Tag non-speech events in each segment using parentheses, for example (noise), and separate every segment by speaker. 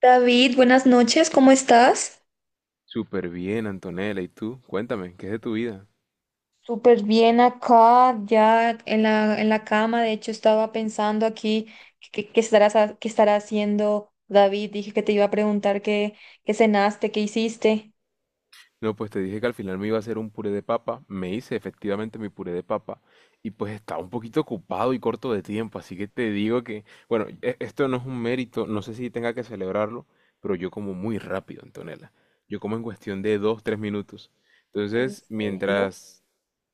Speaker 1: David, buenas noches, ¿cómo estás?
Speaker 2: Súper bien, Antonella. ¿Y tú? Cuéntame, ¿qué es de tu vida?
Speaker 1: Súper bien acá, ya en la cama. De hecho, estaba pensando aquí qué estarás, qué estará haciendo David. Dije que te iba a preguntar qué cenaste, qué hiciste.
Speaker 2: No, pues te dije que al final me iba a hacer un puré de papa. Me hice efectivamente mi puré de papa. Y pues estaba un poquito ocupado y corto de tiempo. Así que te digo que, bueno, esto no es un mérito. No sé si tenga que celebrarlo, pero yo como muy rápido, Antonella. Yo como en cuestión de dos, tres minutos.
Speaker 1: ¿En
Speaker 2: Entonces,
Speaker 1: serio?
Speaker 2: mientras.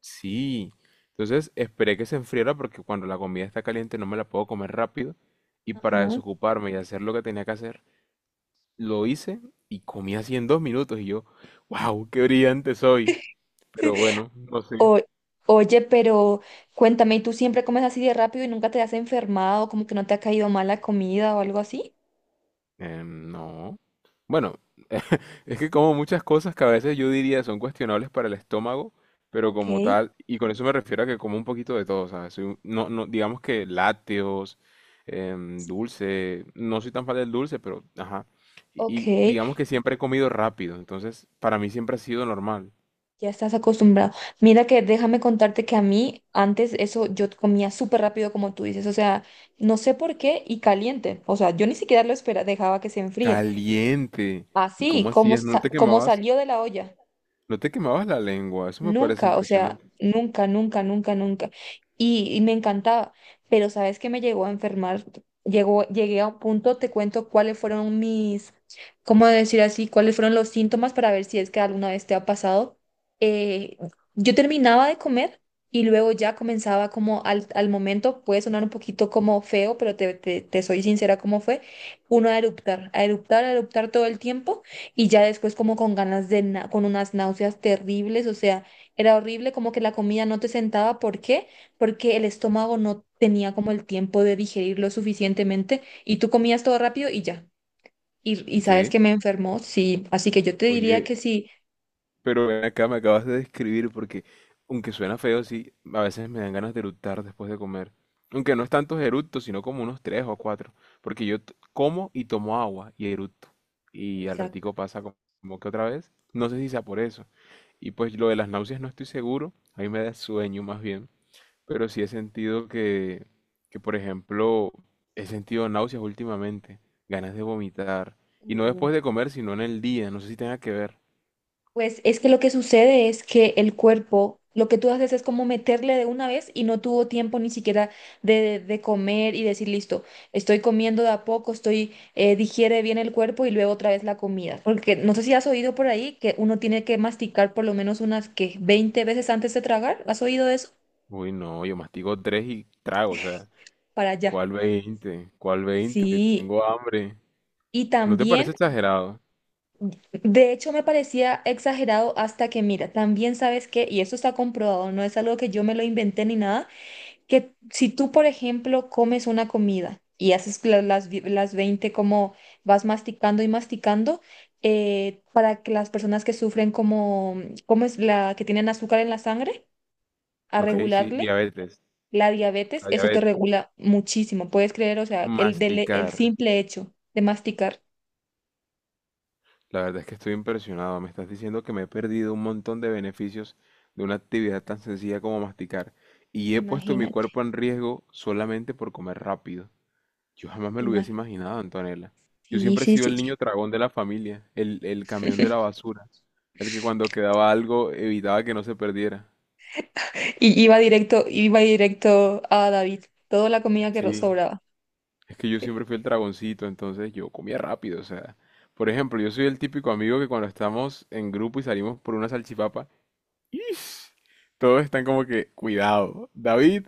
Speaker 2: Sí. Entonces esperé que se enfriara porque cuando la comida está caliente no me la puedo comer rápido. Y para
Speaker 1: Ajá.
Speaker 2: desocuparme y hacer lo que tenía que hacer. Lo hice y comí así en 2 minutos y yo, wow, qué brillante soy. Pero bueno, no sé.
Speaker 1: O- oye, pero cuéntame, ¿y tú siempre comes así de rápido y nunca te has enfermado? ¿Como que no te ha caído mal la comida o algo así?
Speaker 2: No. Bueno, (laughs) es que como muchas cosas que a veces yo diría son cuestionables para el estómago, pero
Speaker 1: Ok,
Speaker 2: como tal, y con eso me refiero a que como un poquito de todo, ¿sabes? No, no, digamos que lácteos, dulce, no soy tan fan del dulce, pero ajá. Y,
Speaker 1: ok.
Speaker 2: y digamos que siempre he comido rápido, entonces para mí siempre ha sido normal.
Speaker 1: Ya estás acostumbrado. Mira que déjame contarte que a mí antes eso yo comía súper rápido como tú dices, o sea, no sé por qué y caliente, o sea, yo ni siquiera lo esperaba, dejaba que se enfríe.
Speaker 2: Caliente. ¿Y
Speaker 1: Así
Speaker 2: cómo
Speaker 1: como,
Speaker 2: hacías? ¿No te
Speaker 1: como
Speaker 2: quemabas?
Speaker 1: salió de la olla.
Speaker 2: No te quemabas la lengua, eso me parece
Speaker 1: Nunca, o sea,
Speaker 2: impresionante.
Speaker 1: nunca, nunca, nunca, nunca. Y me encantaba, pero ¿sabes qué me llegó a enfermar? Llegó, llegué a un punto, te cuento cuáles fueron mis, ¿cómo decir así? ¿Cuáles fueron los síntomas para ver si es que alguna vez te ha pasado? Eh, yo terminaba de comer y luego ya comenzaba como al momento, puede sonar un poquito como feo, pero te soy sincera cómo fue, uno a eruptar, a eruptar, a eruptar todo el tiempo y ya después como con ganas de, con unas náuseas terribles, o sea era horrible, como que la comida no te sentaba. ¿Por qué? Porque el estómago no tenía como el tiempo de digerirlo suficientemente y tú comías todo rápido y ya. Y sabes
Speaker 2: ¿Qué?
Speaker 1: que me enfermó, sí. Así que yo te diría
Speaker 2: Oye,
Speaker 1: que sí.
Speaker 2: pero ven acá me acabas de describir porque, aunque suena feo, sí, a veces me dan ganas de eructar después de comer. Aunque no es tantos eructos, sino como unos tres o cuatro. Porque yo como y tomo agua y eructo. Y al
Speaker 1: Exacto.
Speaker 2: ratico pasa como que otra vez. No sé si sea por eso. Y pues lo de las náuseas no estoy seguro. A mí me da sueño más bien. Pero sí he sentido que, por ejemplo, he sentido náuseas últimamente, ganas de vomitar. Y no después de comer, sino en el día. No sé si tenga que ver.
Speaker 1: Pues es que lo que sucede es que el cuerpo, lo que tú haces es como meterle de una vez y no tuvo tiempo ni siquiera de comer y decir, listo, estoy comiendo de a poco, estoy, digiere bien el cuerpo y luego otra vez la comida. Porque no sé si has oído por ahí que uno tiene que masticar por lo menos unas que 20 veces antes de tragar. ¿Has oído eso?
Speaker 2: Uy, no, yo mastigo tres y trago, o sea,
Speaker 1: Para allá.
Speaker 2: ¿Cuál veinte?
Speaker 1: Sí.
Speaker 2: Tengo hambre.
Speaker 1: Y
Speaker 2: ¿No te
Speaker 1: también,
Speaker 2: parece exagerado?
Speaker 1: de hecho, me parecía exagerado hasta que, mira, también sabes que, y eso está comprobado, no es algo que yo me lo inventé ni nada. Que si tú, por ejemplo, comes una comida y haces las 20 como vas masticando y masticando, para que las personas que sufren como, como es la que tienen azúcar en la sangre, a
Speaker 2: Ok, sí,
Speaker 1: regularle
Speaker 2: diabetes.
Speaker 1: la diabetes,
Speaker 2: La
Speaker 1: eso te
Speaker 2: diabetes.
Speaker 1: regula muchísimo, puedes creer, o sea, el
Speaker 2: Masticar.
Speaker 1: simple hecho de masticar,
Speaker 2: La verdad es que estoy impresionado. Me estás diciendo que me he perdido un montón de beneficios de una actividad tan sencilla como masticar. Y he puesto mi
Speaker 1: imagínate,
Speaker 2: cuerpo en riesgo solamente por comer rápido. Yo jamás me lo hubiese
Speaker 1: imagínate.
Speaker 2: imaginado, Antonella. Yo
Speaker 1: Sí,
Speaker 2: siempre he
Speaker 1: sí,
Speaker 2: sido
Speaker 1: sí,
Speaker 2: el
Speaker 1: sí.
Speaker 2: niño tragón de la familia, el camión de la basura, el que cuando quedaba algo evitaba que no se perdiera.
Speaker 1: Y iba directo a David, toda la comida que
Speaker 2: Sí,
Speaker 1: sobraba.
Speaker 2: es que yo siempre fui el dragoncito, entonces yo comía rápido, o sea. Por ejemplo, yo soy el típico amigo que cuando estamos en grupo y salimos por una salchipapa, Ish. Todos están como que, cuidado, David,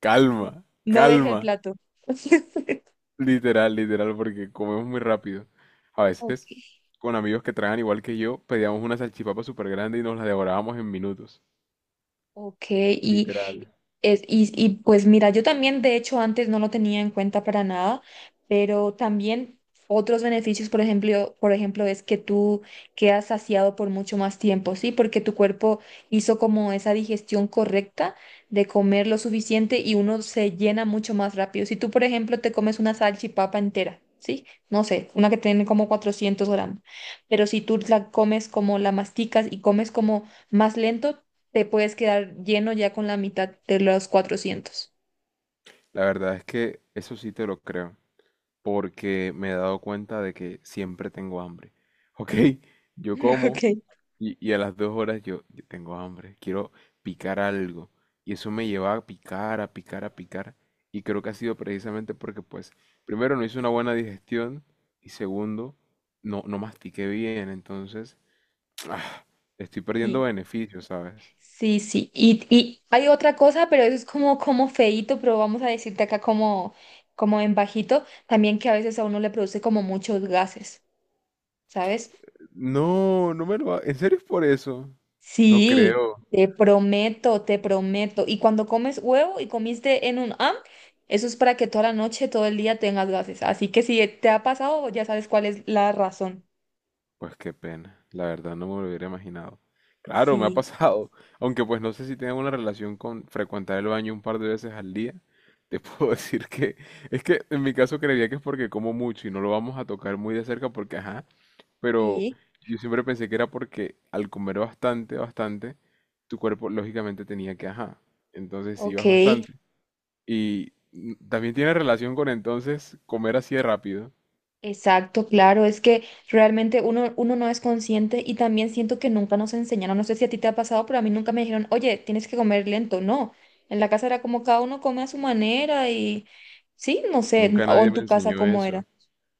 Speaker 2: calma,
Speaker 1: No deje el
Speaker 2: calma.
Speaker 1: plato. (laughs)
Speaker 2: Literal, literal, porque comemos muy rápido. A
Speaker 1: Ok,
Speaker 2: veces, con amigos que tragan igual que yo, pedíamos una salchipapa súper grande y nos la devorábamos en minutos.
Speaker 1: ok,
Speaker 2: Literal.
Speaker 1: pues mira, yo también, de hecho, antes no lo tenía en cuenta para nada, pero también otros beneficios, por ejemplo, es que tú quedas saciado por mucho más tiempo, ¿sí? Porque tu cuerpo hizo como esa digestión correcta de comer lo suficiente y uno se llena mucho más rápido. Si tú, por ejemplo, te comes una salchipapa entera, ¿sí? No sé, una que tiene como 400 gramos, pero si tú la comes como la masticas y comes como más lento, te puedes quedar lleno ya con la mitad de los 400. (laughs)
Speaker 2: La verdad es que eso sí te lo creo, porque me he dado cuenta de que siempre tengo hambre. Ok, yo como,
Speaker 1: Ok.
Speaker 2: y a las 2 horas yo tengo hambre, quiero picar algo. Y eso me lleva a picar, a picar, a picar. Y creo que ha sido precisamente porque, pues, primero no hice una buena digestión y segundo, no, no mastiqué bien. Entonces, ah, estoy perdiendo
Speaker 1: Sí,
Speaker 2: beneficios, ¿sabes?
Speaker 1: sí, sí. Y hay otra cosa, pero eso es como, como feíto, pero vamos a decirte acá como, como en bajito, también que a veces a uno le produce como muchos gases, ¿sabes?
Speaker 2: No, no me lo. ¿En serio es por eso? No
Speaker 1: Sí,
Speaker 2: creo.
Speaker 1: te prometo, te prometo. Y cuando comes huevo y comiste en un AM, eso es para que toda la noche, todo el día tengas gases. Así que si te ha pasado, ya sabes cuál es la razón.
Speaker 2: Pues qué pena, la verdad no me lo hubiera imaginado. Claro, me ha
Speaker 1: Sí,
Speaker 2: pasado, (laughs) aunque pues no sé si tiene una relación con frecuentar el baño un par de veces al día. Te puedo (laughs) decir que es que en mi caso creería que es porque como mucho y no lo vamos a tocar muy de cerca porque ajá, pero
Speaker 1: sí,
Speaker 2: yo siempre pensé que era porque al comer bastante, bastante, tu cuerpo lógicamente tenía que ajá, entonces sí ibas
Speaker 1: ok.
Speaker 2: bastante. Y también tiene relación con entonces comer así de rápido.
Speaker 1: Exacto, claro, es que realmente uno, uno no es consciente y también siento que nunca nos enseñaron, no sé si a ti te ha pasado, pero a mí nunca me dijeron, oye, tienes que comer lento, no, en la casa era como cada uno come a su manera y sí, no sé,
Speaker 2: Nunca
Speaker 1: o
Speaker 2: nadie
Speaker 1: en
Speaker 2: me
Speaker 1: tu casa
Speaker 2: enseñó
Speaker 1: cómo era.
Speaker 2: eso.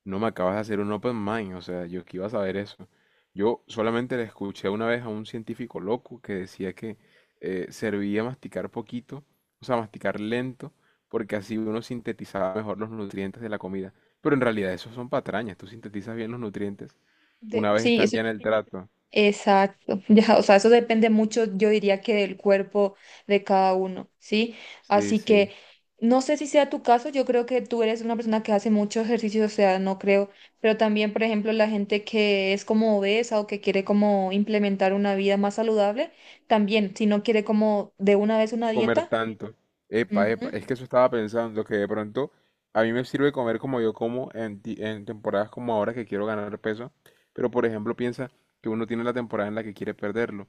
Speaker 2: No me acabas de hacer un open mind, o sea, yo que iba a saber eso. Yo solamente le escuché una vez a un científico loco que decía que servía masticar poquito, o sea, masticar lento, porque así uno sintetizaba mejor los nutrientes de la comida. Pero en realidad eso son patrañas, tú sintetizas bien los nutrientes una vez
Speaker 1: Sí,
Speaker 2: están ya en el trato.
Speaker 1: exacto, (laughs) ya, o sea, eso depende mucho, yo diría que del cuerpo de cada uno, ¿sí?
Speaker 2: Sí,
Speaker 1: Así
Speaker 2: sí.
Speaker 1: que no sé si sea tu caso, yo creo que tú eres una persona que hace mucho ejercicio, o sea, no creo, pero también, por ejemplo, la gente que es como obesa o que quiere como implementar una vida más saludable, también, si no quiere como de una vez una
Speaker 2: Comer
Speaker 1: dieta,
Speaker 2: tanto. Epa, epa,
Speaker 1: ujú,
Speaker 2: es que eso estaba pensando, que de pronto a mí me sirve comer como yo como en temporadas como ahora que quiero ganar peso, pero por ejemplo piensa que uno tiene la temporada en la que quiere perderlo.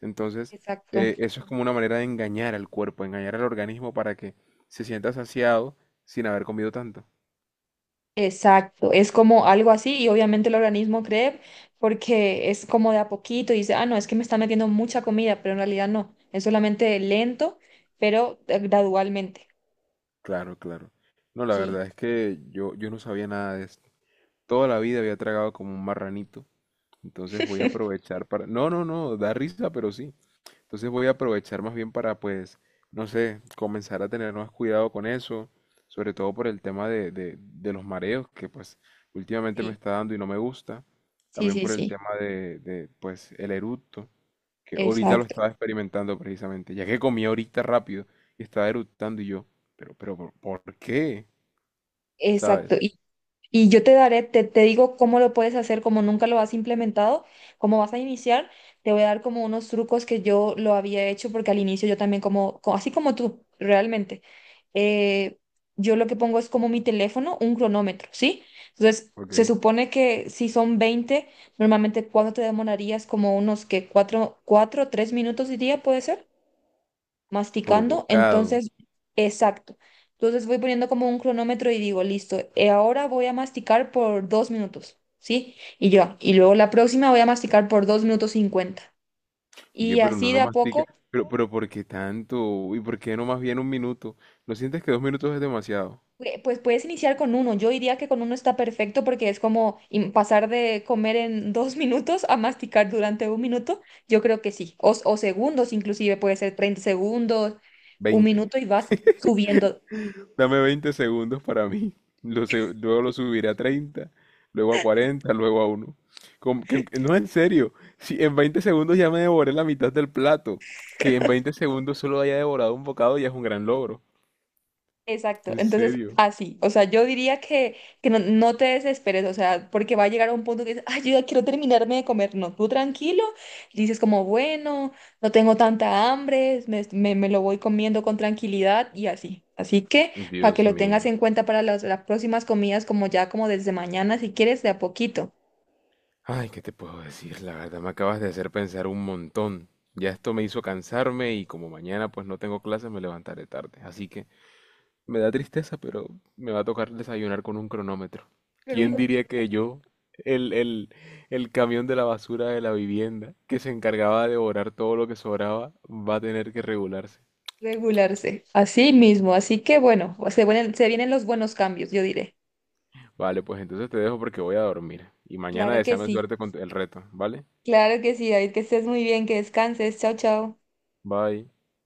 Speaker 2: Entonces,
Speaker 1: exacto.
Speaker 2: eso es como una manera de engañar al cuerpo, engañar al organismo para que se sienta saciado sin haber comido tanto.
Speaker 1: Exacto, es como algo así y obviamente el organismo cree porque es como de a poquito y dice, ah, no, es que me está metiendo mucha comida, pero en realidad no, es solamente lento, pero gradualmente.
Speaker 2: Claro, claro. No, la
Speaker 1: Sí,
Speaker 2: verdad es que yo no sabía nada de esto. Toda la vida había tragado como un marranito. Entonces voy a aprovechar para. No, no, no, da risa, pero sí. Entonces voy a aprovechar más bien para, pues, no sé, comenzar a tener más cuidado con eso, sobre todo por el tema de los mareos que, pues,
Speaker 1: (laughs)
Speaker 2: últimamente me
Speaker 1: sí,
Speaker 2: está dando y no me gusta.
Speaker 1: sí,
Speaker 2: También
Speaker 1: sí,
Speaker 2: por el
Speaker 1: sí,
Speaker 2: tema de, pues, el eructo, que ahorita lo
Speaker 1: exacto,
Speaker 2: estaba experimentando precisamente, ya que comí ahorita rápido y estaba eructando y yo, pero, por qué?
Speaker 1: exacto.
Speaker 2: ¿Sabes?
Speaker 1: Y yo te daré, te digo cómo lo puedes hacer, como nunca lo has implementado, cómo vas a iniciar. Te voy a dar como unos trucos que yo lo había hecho, porque al inicio yo también como, así como tú, realmente. eh, yo lo que pongo es como mi teléfono, un cronómetro, ¿sí? Entonces, se
Speaker 2: Ok,
Speaker 1: supone que si son 20 normalmente ¿cuánto te demorarías? Como unos que cuatro 3 minutos diría, ¿puede ser?
Speaker 2: por
Speaker 1: Masticando.
Speaker 2: bocado.
Speaker 1: Entonces, exacto. Entonces voy poniendo como un cronómetro y digo, listo, ahora voy a masticar por 2 minutos, ¿sí? Y yo, y luego la próxima voy a masticar por 2 minutos 50.
Speaker 2: Oye,
Speaker 1: Y
Speaker 2: pero uno
Speaker 1: así de
Speaker 2: no
Speaker 1: a
Speaker 2: mastica.
Speaker 1: poco,
Speaker 2: Pero, ¿por qué tanto? ¿Y por qué no más bien un minuto? ¿No sientes que 2 minutos es demasiado?
Speaker 1: pues puedes iniciar con uno. Yo diría que con uno está perfecto porque es como pasar de comer en 2 (laughs) minutos a masticar durante un minuto. Yo creo que sí. O segundos, inclusive puede ser 30 segundos, un
Speaker 2: Veinte.
Speaker 1: minuto y vas subiendo.
Speaker 2: Dame 20 segundos para mí. Luego lo subiré a 30, luego a 40, luego a uno. No, en serio. Si en 20 segundos ya me devoré la mitad del plato, que en 20 segundos solo haya devorado un bocado ya es un gran logro.
Speaker 1: Exacto,
Speaker 2: En
Speaker 1: entonces
Speaker 2: serio.
Speaker 1: así, o sea, yo diría que no, no te desesperes, o sea, porque va a llegar a un punto que dices, ay, yo ya quiero terminarme de comer, no, tú tranquilo, dices como, bueno, no tengo tanta hambre, me lo voy comiendo con tranquilidad y así, así que para que
Speaker 2: Dios
Speaker 1: lo tengas
Speaker 2: mío.
Speaker 1: en cuenta para las próximas comidas, como ya como desde mañana, si quieres, de a poquito,
Speaker 2: Ay, ¿qué te puedo decir? La verdad me acabas de hacer pensar un montón. Ya esto me hizo cansarme y como mañana pues no tengo clases me levantaré tarde. Así que. Me da tristeza, pero me va a tocar desayunar con un cronómetro.
Speaker 1: pero
Speaker 2: ¿Quién diría que yo, el, el, el camión de la basura de la vivienda, que se encargaba de devorar todo lo que sobraba, va a tener que regularse?
Speaker 1: regularse, así mismo, así que bueno, se vienen los buenos cambios, yo diré.
Speaker 2: Vale, pues entonces te dejo porque voy a dormir. Y mañana
Speaker 1: Claro que
Speaker 2: deséame
Speaker 1: sí.
Speaker 2: suerte con el reto, ¿vale?
Speaker 1: Claro que sí, David, que estés muy bien, que descanses. Chao, chao.
Speaker 2: Bye.